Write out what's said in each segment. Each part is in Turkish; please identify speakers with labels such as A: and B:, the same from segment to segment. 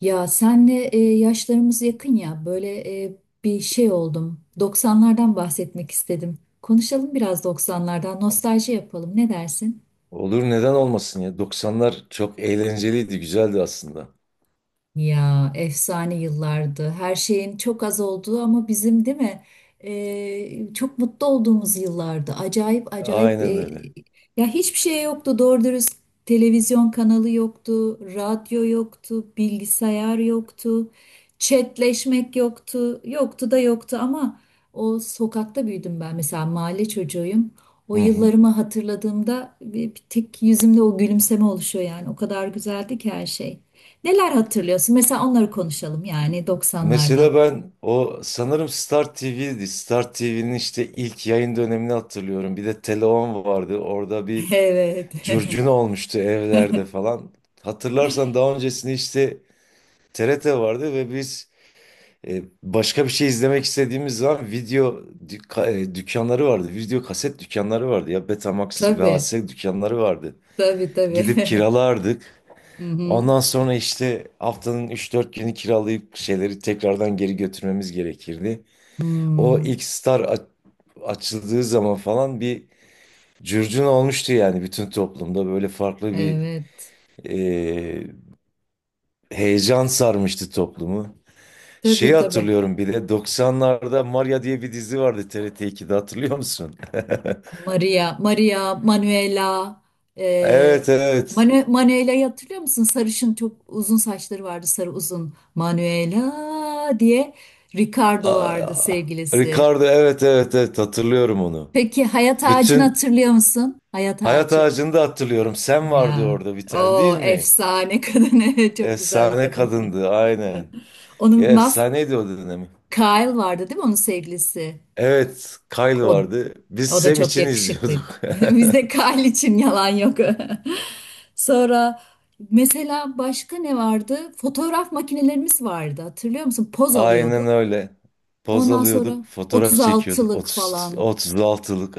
A: Ya senle yaşlarımız yakın ya böyle bir şey oldum. 90'lardan bahsetmek istedim. Konuşalım biraz 90'lardan, nostalji yapalım. Ne dersin?
B: Olur, neden olmasın ya. 90'lar çok eğlenceliydi, güzeldi aslında.
A: Ya efsane yıllardı. Her şeyin çok az olduğu ama bizim, değil mi? Çok mutlu olduğumuz yıllardı. Acayip acayip
B: Aynen öyle.
A: ya hiçbir şey yoktu. Doğru dürüst televizyon kanalı yoktu, radyo yoktu, bilgisayar yoktu, chatleşmek yoktu. Yoktu da yoktu ama o sokakta büyüdüm ben. Mesela mahalle çocuğuyum. O
B: Hı hı.
A: yıllarımı hatırladığımda bir tek yüzümde o gülümseme oluşuyor yani. O kadar güzeldi ki her şey. Neler hatırlıyorsun? Mesela onları konuşalım yani 90'lardan.
B: Mesela ben o sanırım Star TV'ydi. Star TV'nin işte ilk yayın dönemini hatırlıyorum. Bir de Teleon vardı. Orada bir
A: Evet.
B: curcuna olmuştu evlerde falan. Hatırlarsan daha öncesinde işte TRT vardı ve biz başka bir şey izlemek istediğimiz zaman video dükkanları vardı. Video kaset dükkanları vardı ya, Betamax,
A: Tabii.
B: VHS dükkanları vardı.
A: Tabii, tabii.
B: Gidip kiralardık.
A: Hı hı.
B: Ondan sonra işte haftanın üç dört günü kiralayıp şeyleri tekrardan geri götürmemiz gerekirdi. O
A: Hmm,
B: ilk Star açıldığı zaman falan bir curcuna olmuştu yani bütün toplumda. Böyle farklı bir
A: evet.
B: e, heyecan sarmıştı toplumu. Şeyi
A: Tabii, tabii.
B: hatırlıyorum, bir de 90'larda Maria diye bir dizi vardı TRT ikide, hatırlıyor musun?
A: Maria, Maria, Manuela. E,
B: Evet, evet.
A: Manuela'yı hatırlıyor musun? Sarışın, çok uzun saçları vardı. Sarı, uzun. Manuela diye. Ricardo vardı
B: Aa,
A: sevgilisi.
B: Ricardo, evet evet evet, hatırlıyorum onu.
A: Peki hayat ağacını
B: Bütün
A: hatırlıyor musun? Hayat
B: Hayat
A: ağacı.
B: ağacını da hatırlıyorum. Sen vardı
A: Ya
B: orada bir tane değil
A: o
B: mi?
A: efsane kadın, evet, çok güzel bir
B: Efsane
A: kadın.
B: kadındı aynen. Ya
A: Onun
B: efsaneydi o dönemi.
A: Kyle vardı, değil mi, onun sevgilisi?
B: Evet, Kyle
A: O,
B: vardı. Biz
A: o da
B: Sam
A: çok
B: için
A: yakışıklıydı.
B: izliyorduk.
A: Bizde Kyle için yalan yok. Sonra mesela başka ne vardı? Fotoğraf makinelerimiz vardı, hatırlıyor musun? Poz
B: Aynen
A: alıyorduk.
B: öyle. Poz
A: Ondan
B: alıyorduk,
A: sonra
B: fotoğraf çekiyorduk.
A: 36'lık falan.
B: 36'lık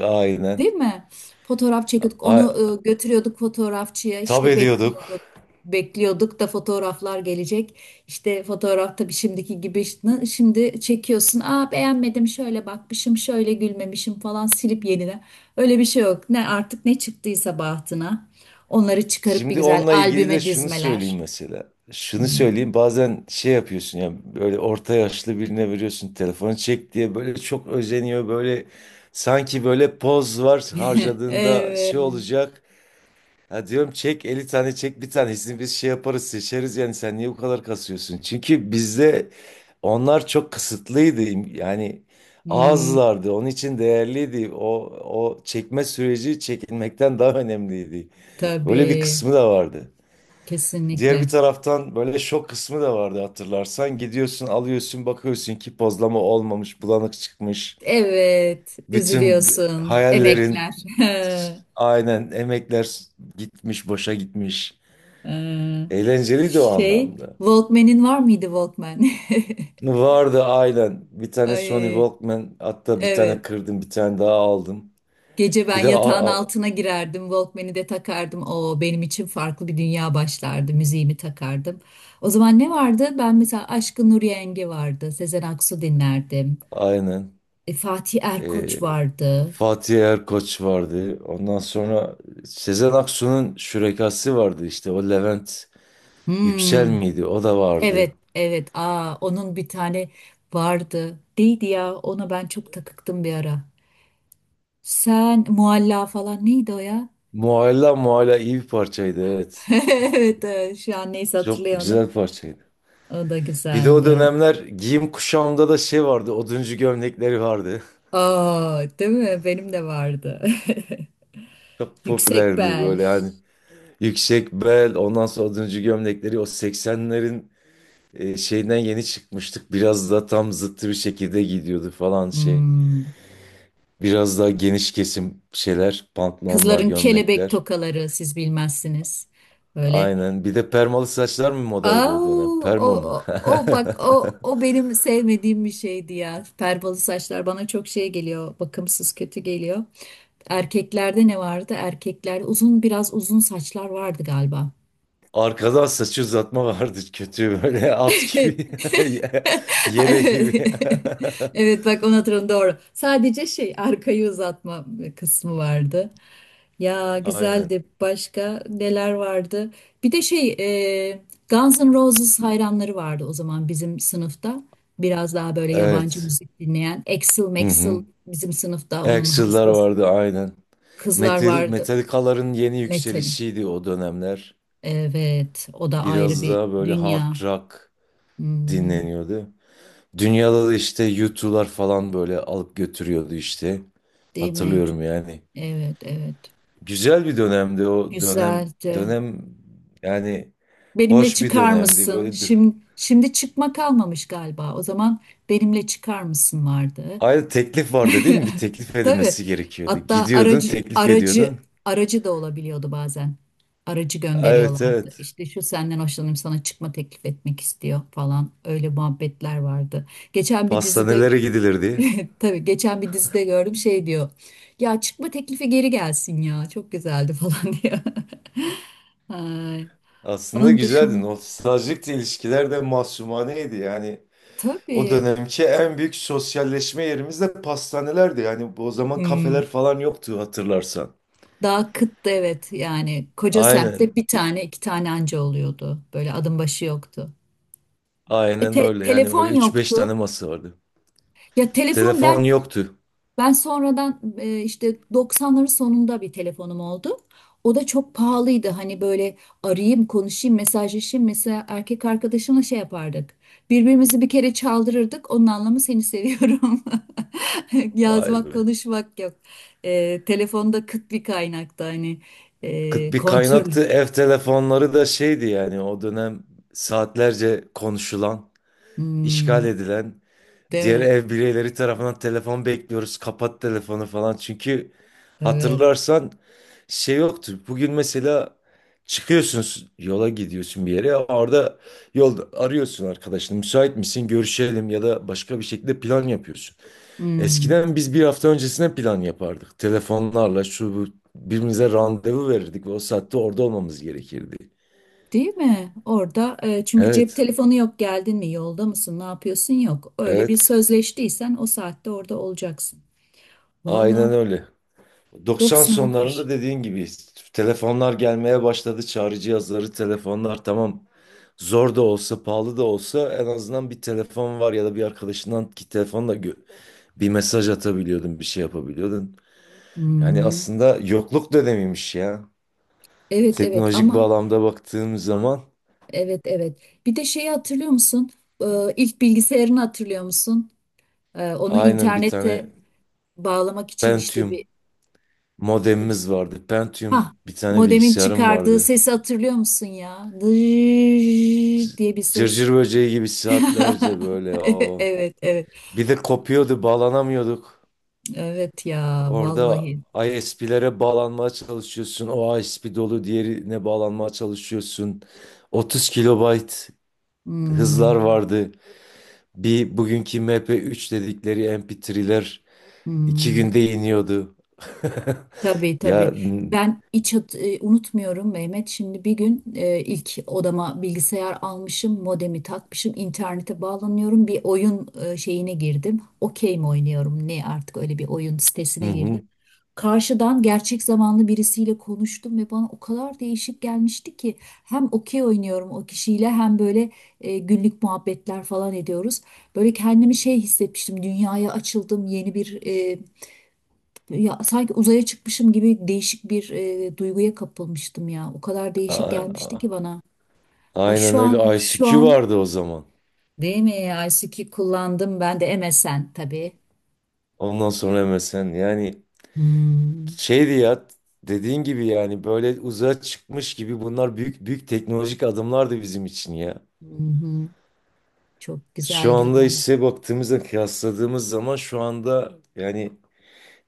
A: Değil
B: aynen.
A: mi? Fotoğraf çekiyorduk.
B: Ay,
A: Onu götürüyorduk fotoğrafçıya.
B: tab
A: İşte
B: ediyorduk.
A: bekliyorduk. Bekliyorduk da fotoğraflar gelecek. İşte fotoğraf, tabii şimdiki gibi şimdi çekiyorsun. Aa, beğenmedim, şöyle bakmışım, şöyle gülmemişim falan, silip yenile. Öyle bir şey yok. Ne artık, ne çıktıysa bahtına. Onları çıkarıp bir
B: Şimdi
A: güzel
B: onunla ilgili de
A: albüme
B: şunu söyleyeyim
A: dizmeler.
B: mesela. Şunu
A: Hmm.
B: söyleyeyim, bazen şey yapıyorsun ya, böyle orta yaşlı birine veriyorsun telefonu çek diye, böyle çok özeniyor, böyle sanki böyle poz var, harcadığında şey
A: Evet.
B: olacak. Ya diyorum çek, 50 tane çek, bir tanesini biz şey yaparız, seçeriz. Yani sen niye bu kadar kasıyorsun? Çünkü bizde onlar çok kısıtlıydı yani,
A: Hmm,
B: azlardı, onun için değerliydi o, o çekme süreci çekilmekten daha önemliydi. Öyle bir
A: tabii.
B: kısmı da vardı. Diğer bir
A: Kesinlikle.
B: taraftan böyle şok kısmı da vardı hatırlarsan. Gidiyorsun, alıyorsun, bakıyorsun ki pozlama olmamış, bulanık çıkmış.
A: Evet,
B: Bütün
A: üzülüyorsun.
B: hayallerin
A: Emekler.
B: aynen, emekler gitmiş, boşa gitmiş.
A: Ee,
B: Eğlenceliydi o
A: Şey,
B: anlamda.
A: Walkman'in var mıydı, Walkman?
B: Vardı aynen. Bir tane Sony
A: Ay,
B: Walkman, hatta bir
A: evet.
B: tane kırdım, bir tane daha aldım.
A: Gece ben
B: Bir de
A: yatağın altına girerdim, Walkman'i de takardım. O benim için farklı bir dünya başlardı. Müziğimi takardım. O zaman ne vardı? Ben mesela, Aşkın Nur Yengi vardı. Sezen Aksu dinlerdim.
B: aynen.
A: Fatih
B: Ee,
A: Erkoç vardı.
B: Fatih Erkoç vardı. Ondan sonra Sezen Aksu'nun şürekası vardı işte, o Levent. Yüksel
A: Hmm.
B: miydi? O da vardı.
A: Evet, evet. Aa, onun bir tane vardı. Neydi ya? Ona ben çok takıktım bir ara. Sen mualla falan, neydi o ya?
B: Mualla iyi bir parçaydı, evet.
A: Evet, evet. Şu an neyse,
B: Çok
A: hatırlayamadım.
B: güzel parçaydı.
A: O da
B: Bir de o
A: güzeldi.
B: dönemler giyim kuşamda da şey vardı. Oduncu gömlekleri vardı.
A: Aa, değil mi? Benim de vardı.
B: Çok
A: Yüksek
B: popülerdi
A: bel.
B: böyle hani. Yüksek bel, ondan sonra oduncu gömlekleri, o 80'lerin şeyden yeni çıkmıştık. Biraz da tam zıttı bir şekilde gidiyordu falan şey.
A: Hmm.
B: Biraz daha geniş kesim şeyler, pantolonlar,
A: Kızların kelebek
B: gömlekler.
A: tokaları, siz bilmezsiniz. Böyle.
B: Aynen. Bir de permalı saçlar mı modaydı
A: Aa,
B: o dönem?
A: o,
B: Perma mı?
A: o, o bak, o, o benim sevmediğim bir şeydi ya. Perbalı saçlar bana çok şey geliyor. Bakımsız, kötü geliyor. Erkeklerde ne vardı? Erkekler uzun, biraz uzun saçlar vardı galiba.
B: Arkadan saçı uzatma vardı, kötü böyle at gibi ye- yele
A: Evet.
B: gibi.
A: Evet, bak, onu hatırladım, doğru. Sadece şey, arkayı uzatma kısmı vardı. Ya,
B: Aynen.
A: güzeldi. Başka neler vardı? Bir de şey, e, Guns N' Roses hayranları vardı o zaman bizim sınıfta. Biraz daha böyle yabancı
B: Evet.
A: müzik dinleyen. Axl
B: Hı
A: Maxl
B: hı.
A: bizim sınıfta onun
B: Axl'lar
A: hastası.
B: vardı aynen.
A: Kızlar
B: Metal,
A: vardı.
B: Metallica'ların yeni
A: Metalin.
B: yükselişiydi o dönemler.
A: Evet, o da ayrı
B: Biraz
A: bir
B: daha böyle
A: dünya.
B: hard rock
A: Hmm,
B: dinleniyordu. Dünyada da işte U2'lar falan böyle alıp götürüyordu işte.
A: değil mi?
B: Hatırlıyorum yani.
A: Evet, evet.
B: Güzel bir dönemdi o dönem.
A: Güzeldi.
B: Dönem Yani
A: Benimle
B: hoş bir
A: çıkar
B: dönemdi. Böyle
A: mısın? Şimdi çıkma kalmamış galiba. O zaman benimle çıkar mısın vardı.
B: ayrıca teklif vardı değil mi? Bir teklif
A: Tabii.
B: edilmesi gerekiyordu.
A: Hatta
B: Gidiyordun,
A: aracı,
B: teklif
A: aracı
B: ediyordun.
A: aracı da olabiliyordu bazen. Aracı
B: Evet,
A: gönderiyorlardı.
B: evet.
A: İşte şu senden hoşlanıyorum, sana çıkma teklif etmek istiyor falan. Öyle muhabbetler vardı. Geçen bir dizide
B: Pastanelere gidilirdi.
A: tabii geçen bir dizide gördüm, şey diyor. Ya, çıkma teklifi geri gelsin ya. Çok güzeldi falan, diyor. Ay,
B: Aslında
A: onun
B: güzeldi.
A: dışında
B: Nostaljik de, ilişkiler de mahsumaneydi. Yani o
A: tabii.
B: dönemki en büyük sosyalleşme yerimiz de pastanelerdi. Yani o zaman
A: Hmm.
B: kafeler falan yoktu hatırlarsan.
A: Daha kıttı, evet, yani koca semtte
B: Aynen.
A: bir tane, iki tane anca oluyordu. Böyle adım başı yoktu. E,
B: Aynen
A: te-
B: öyle. Yani öyle
A: telefon
B: üç beş tane
A: yoktu.
B: masa vardı.
A: Ya telefon
B: Telefon
A: ben
B: yoktu.
A: Ben sonradan, işte 90'ların sonunda bir telefonum oldu. O da çok pahalıydı. Hani böyle arayayım, konuşayım, mesajlaşayım. Mesela erkek arkadaşımla şey yapardık. Birbirimizi bir kere çaldırırdık. Onun anlamı, seni seviyorum.
B: Vay
A: Yazmak,
B: be.
A: konuşmak yok. Telefonda kıt bir kaynakta, hani,
B: Kıt bir
A: kontrol.
B: kaynaktı. Ev telefonları da şeydi yani o dönem, saatlerce konuşulan, işgal
A: Hmm,
B: edilen,
A: değil
B: diğer
A: mi?
B: ev bireyleri tarafından telefon bekliyoruz, kapat telefonu falan. Çünkü
A: Evet.
B: hatırlarsan şey yoktu. Bugün mesela çıkıyorsun yola, gidiyorsun bir yere. Orada yolda arıyorsun arkadaşını. Müsait misin, görüşelim, ya da başka bir şekilde plan yapıyorsun.
A: Hmm.
B: Eskiden biz bir hafta öncesine plan yapardık. Telefonlarla şu bu, birbirimize randevu verirdik ve o saatte orada olmamız gerekirdi.
A: Değil mi? Orada, çünkü cep
B: Evet,
A: telefonu yok, geldin mi, yolda mısın, ne yapıyorsun, yok. Öyle bir
B: evet.
A: sözleştiysen o saatte orada olacaksın. Valla
B: Aynen öyle. 90 sonlarında
A: doksanlar.
B: dediğin gibi telefonlar gelmeye başladı. Çağrı cihazları, telefonlar, tamam. Zor da olsa, pahalı da olsa, en azından bir telefon var ya da bir arkadaşından, ki telefonla bir mesaj atabiliyordun, bir şey yapabiliyordun. Yani
A: Hmm.
B: aslında yokluk dönemiymiş ya.
A: Evet, evet,
B: Teknolojik
A: ama
B: bağlamda baktığım zaman
A: evet, evet. Bir de şeyi hatırlıyor musun? İlk bilgisayarını hatırlıyor musun? Onu
B: aynen, bir tane
A: internete bağlamak için işte bir,
B: Pentium modemimiz vardı.
A: ha,
B: Pentium bir tane
A: modemin
B: bilgisayarım
A: çıkardığı
B: vardı.
A: sesi hatırlıyor musun ya?
B: C-
A: Dırt diye bir ses.
B: Cırcır böceği gibi saatlerce böyle
A: Evet,
B: o.
A: evet.
B: Bir de kopuyordu, bağlanamıyorduk.
A: Evet ya,
B: Orada
A: vallahi.
B: ISP'lere bağlanmaya çalışıyorsun. O ISP dolu, diğerine bağlanmaya çalışıyorsun. 30 kilobayt hızlar
A: Hmm,
B: vardı. Bir bugünkü MP3 dedikleri MP3'ler iki
A: hmm.
B: günde iniyordu.
A: Tabii,
B: Ya
A: tabii.
B: n-
A: Ben hiç unutmuyorum Mehmet. Şimdi bir gün, ilk odama bilgisayar almışım, modemi takmışım, internete bağlanıyorum. Bir oyun, şeyine girdim. Okey mi oynuyorum? Ne artık, öyle bir oyun
B: hı
A: sitesine girdim.
B: hı.
A: Karşıdan gerçek zamanlı birisiyle konuştum ve bana o kadar değişik gelmişti ki hem okey oynuyorum o kişiyle, hem böyle günlük muhabbetler falan ediyoruz. Böyle kendimi şey hissetmiştim, dünyaya açıldım, yeni bir, ya sanki uzaya çıkmışım gibi değişik bir duyguya kapılmıştım ya. O kadar
B: A-
A: değişik gelmişti
B: a-
A: ki bana. Ay,
B: Aynen
A: şu an
B: öyle,
A: şu
B: ICQ
A: an
B: vardı o zaman.
A: değil mi? ICQ kullandım ben, de MSN tabii.
B: Ondan sonra MSN, yani
A: Hmm.
B: şeydi ya, dediğin gibi yani böyle uzağa çıkmış gibi, bunlar büyük büyük teknolojik adımlardı bizim için ya.
A: Hı hı. Çok
B: Şu
A: güzel
B: anda
A: yıllardı.
B: işte baktığımızda, kıyasladığımız zaman şu anda yani,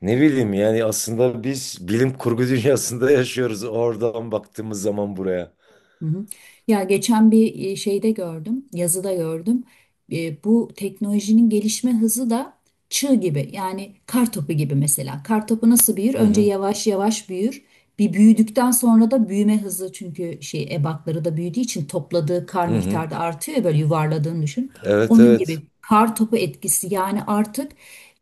B: ne bileyim yani, aslında biz bilim kurgu dünyasında yaşıyoruz, oradan baktığımız zaman buraya.
A: Hı hı. Ya, geçen bir, şeyde gördüm, yazıda gördüm. Bu teknolojinin gelişme hızı da çığ gibi. Yani kar topu gibi mesela. Kar topu nasıl büyür?
B: Hı
A: Önce
B: hı.
A: yavaş yavaş büyür. Bir büyüdükten sonra da büyüme hızı, çünkü şey, ebatları da büyüdüğü için topladığı kar
B: Hı hı.
A: miktarı da artıyor ya, böyle yuvarladığını düşün.
B: Evet,
A: Onun
B: evet.
A: gibi, kar topu etkisi yani artık.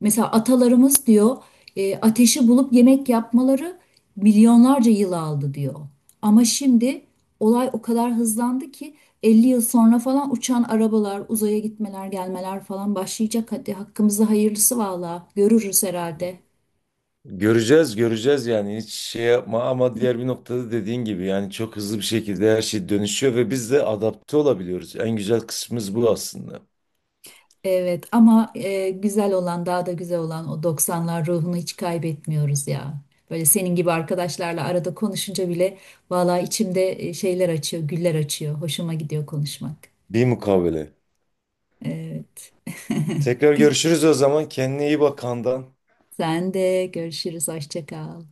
A: Mesela atalarımız diyor, ateşi bulup yemek yapmaları milyonlarca yıl aldı diyor. Ama şimdi olay o kadar hızlandı ki 50 yıl sonra falan uçan arabalar, uzaya gitmeler, gelmeler falan başlayacak. Hadi hakkımızda hayırlısı, valla görürüz herhalde.
B: Göreceğiz, göreceğiz. Yani hiç şey yapma, ama diğer bir noktada dediğin gibi yani çok hızlı bir şekilde her şey dönüşüyor ve biz de adapte olabiliyoruz. En güzel kısmımız bu aslında.
A: Evet ama, güzel olan, daha da güzel olan, o doksanlar ruhunu hiç kaybetmiyoruz ya. Böyle senin gibi arkadaşlarla arada konuşunca bile valla içimde şeyler açıyor, güller açıyor. Hoşuma gidiyor konuşmak.
B: Bir mukabele.
A: Evet.
B: Tekrar görüşürüz o zaman. Kendine iyi bak, Handan.
A: Sen de görüşürüz. Hoşça kal.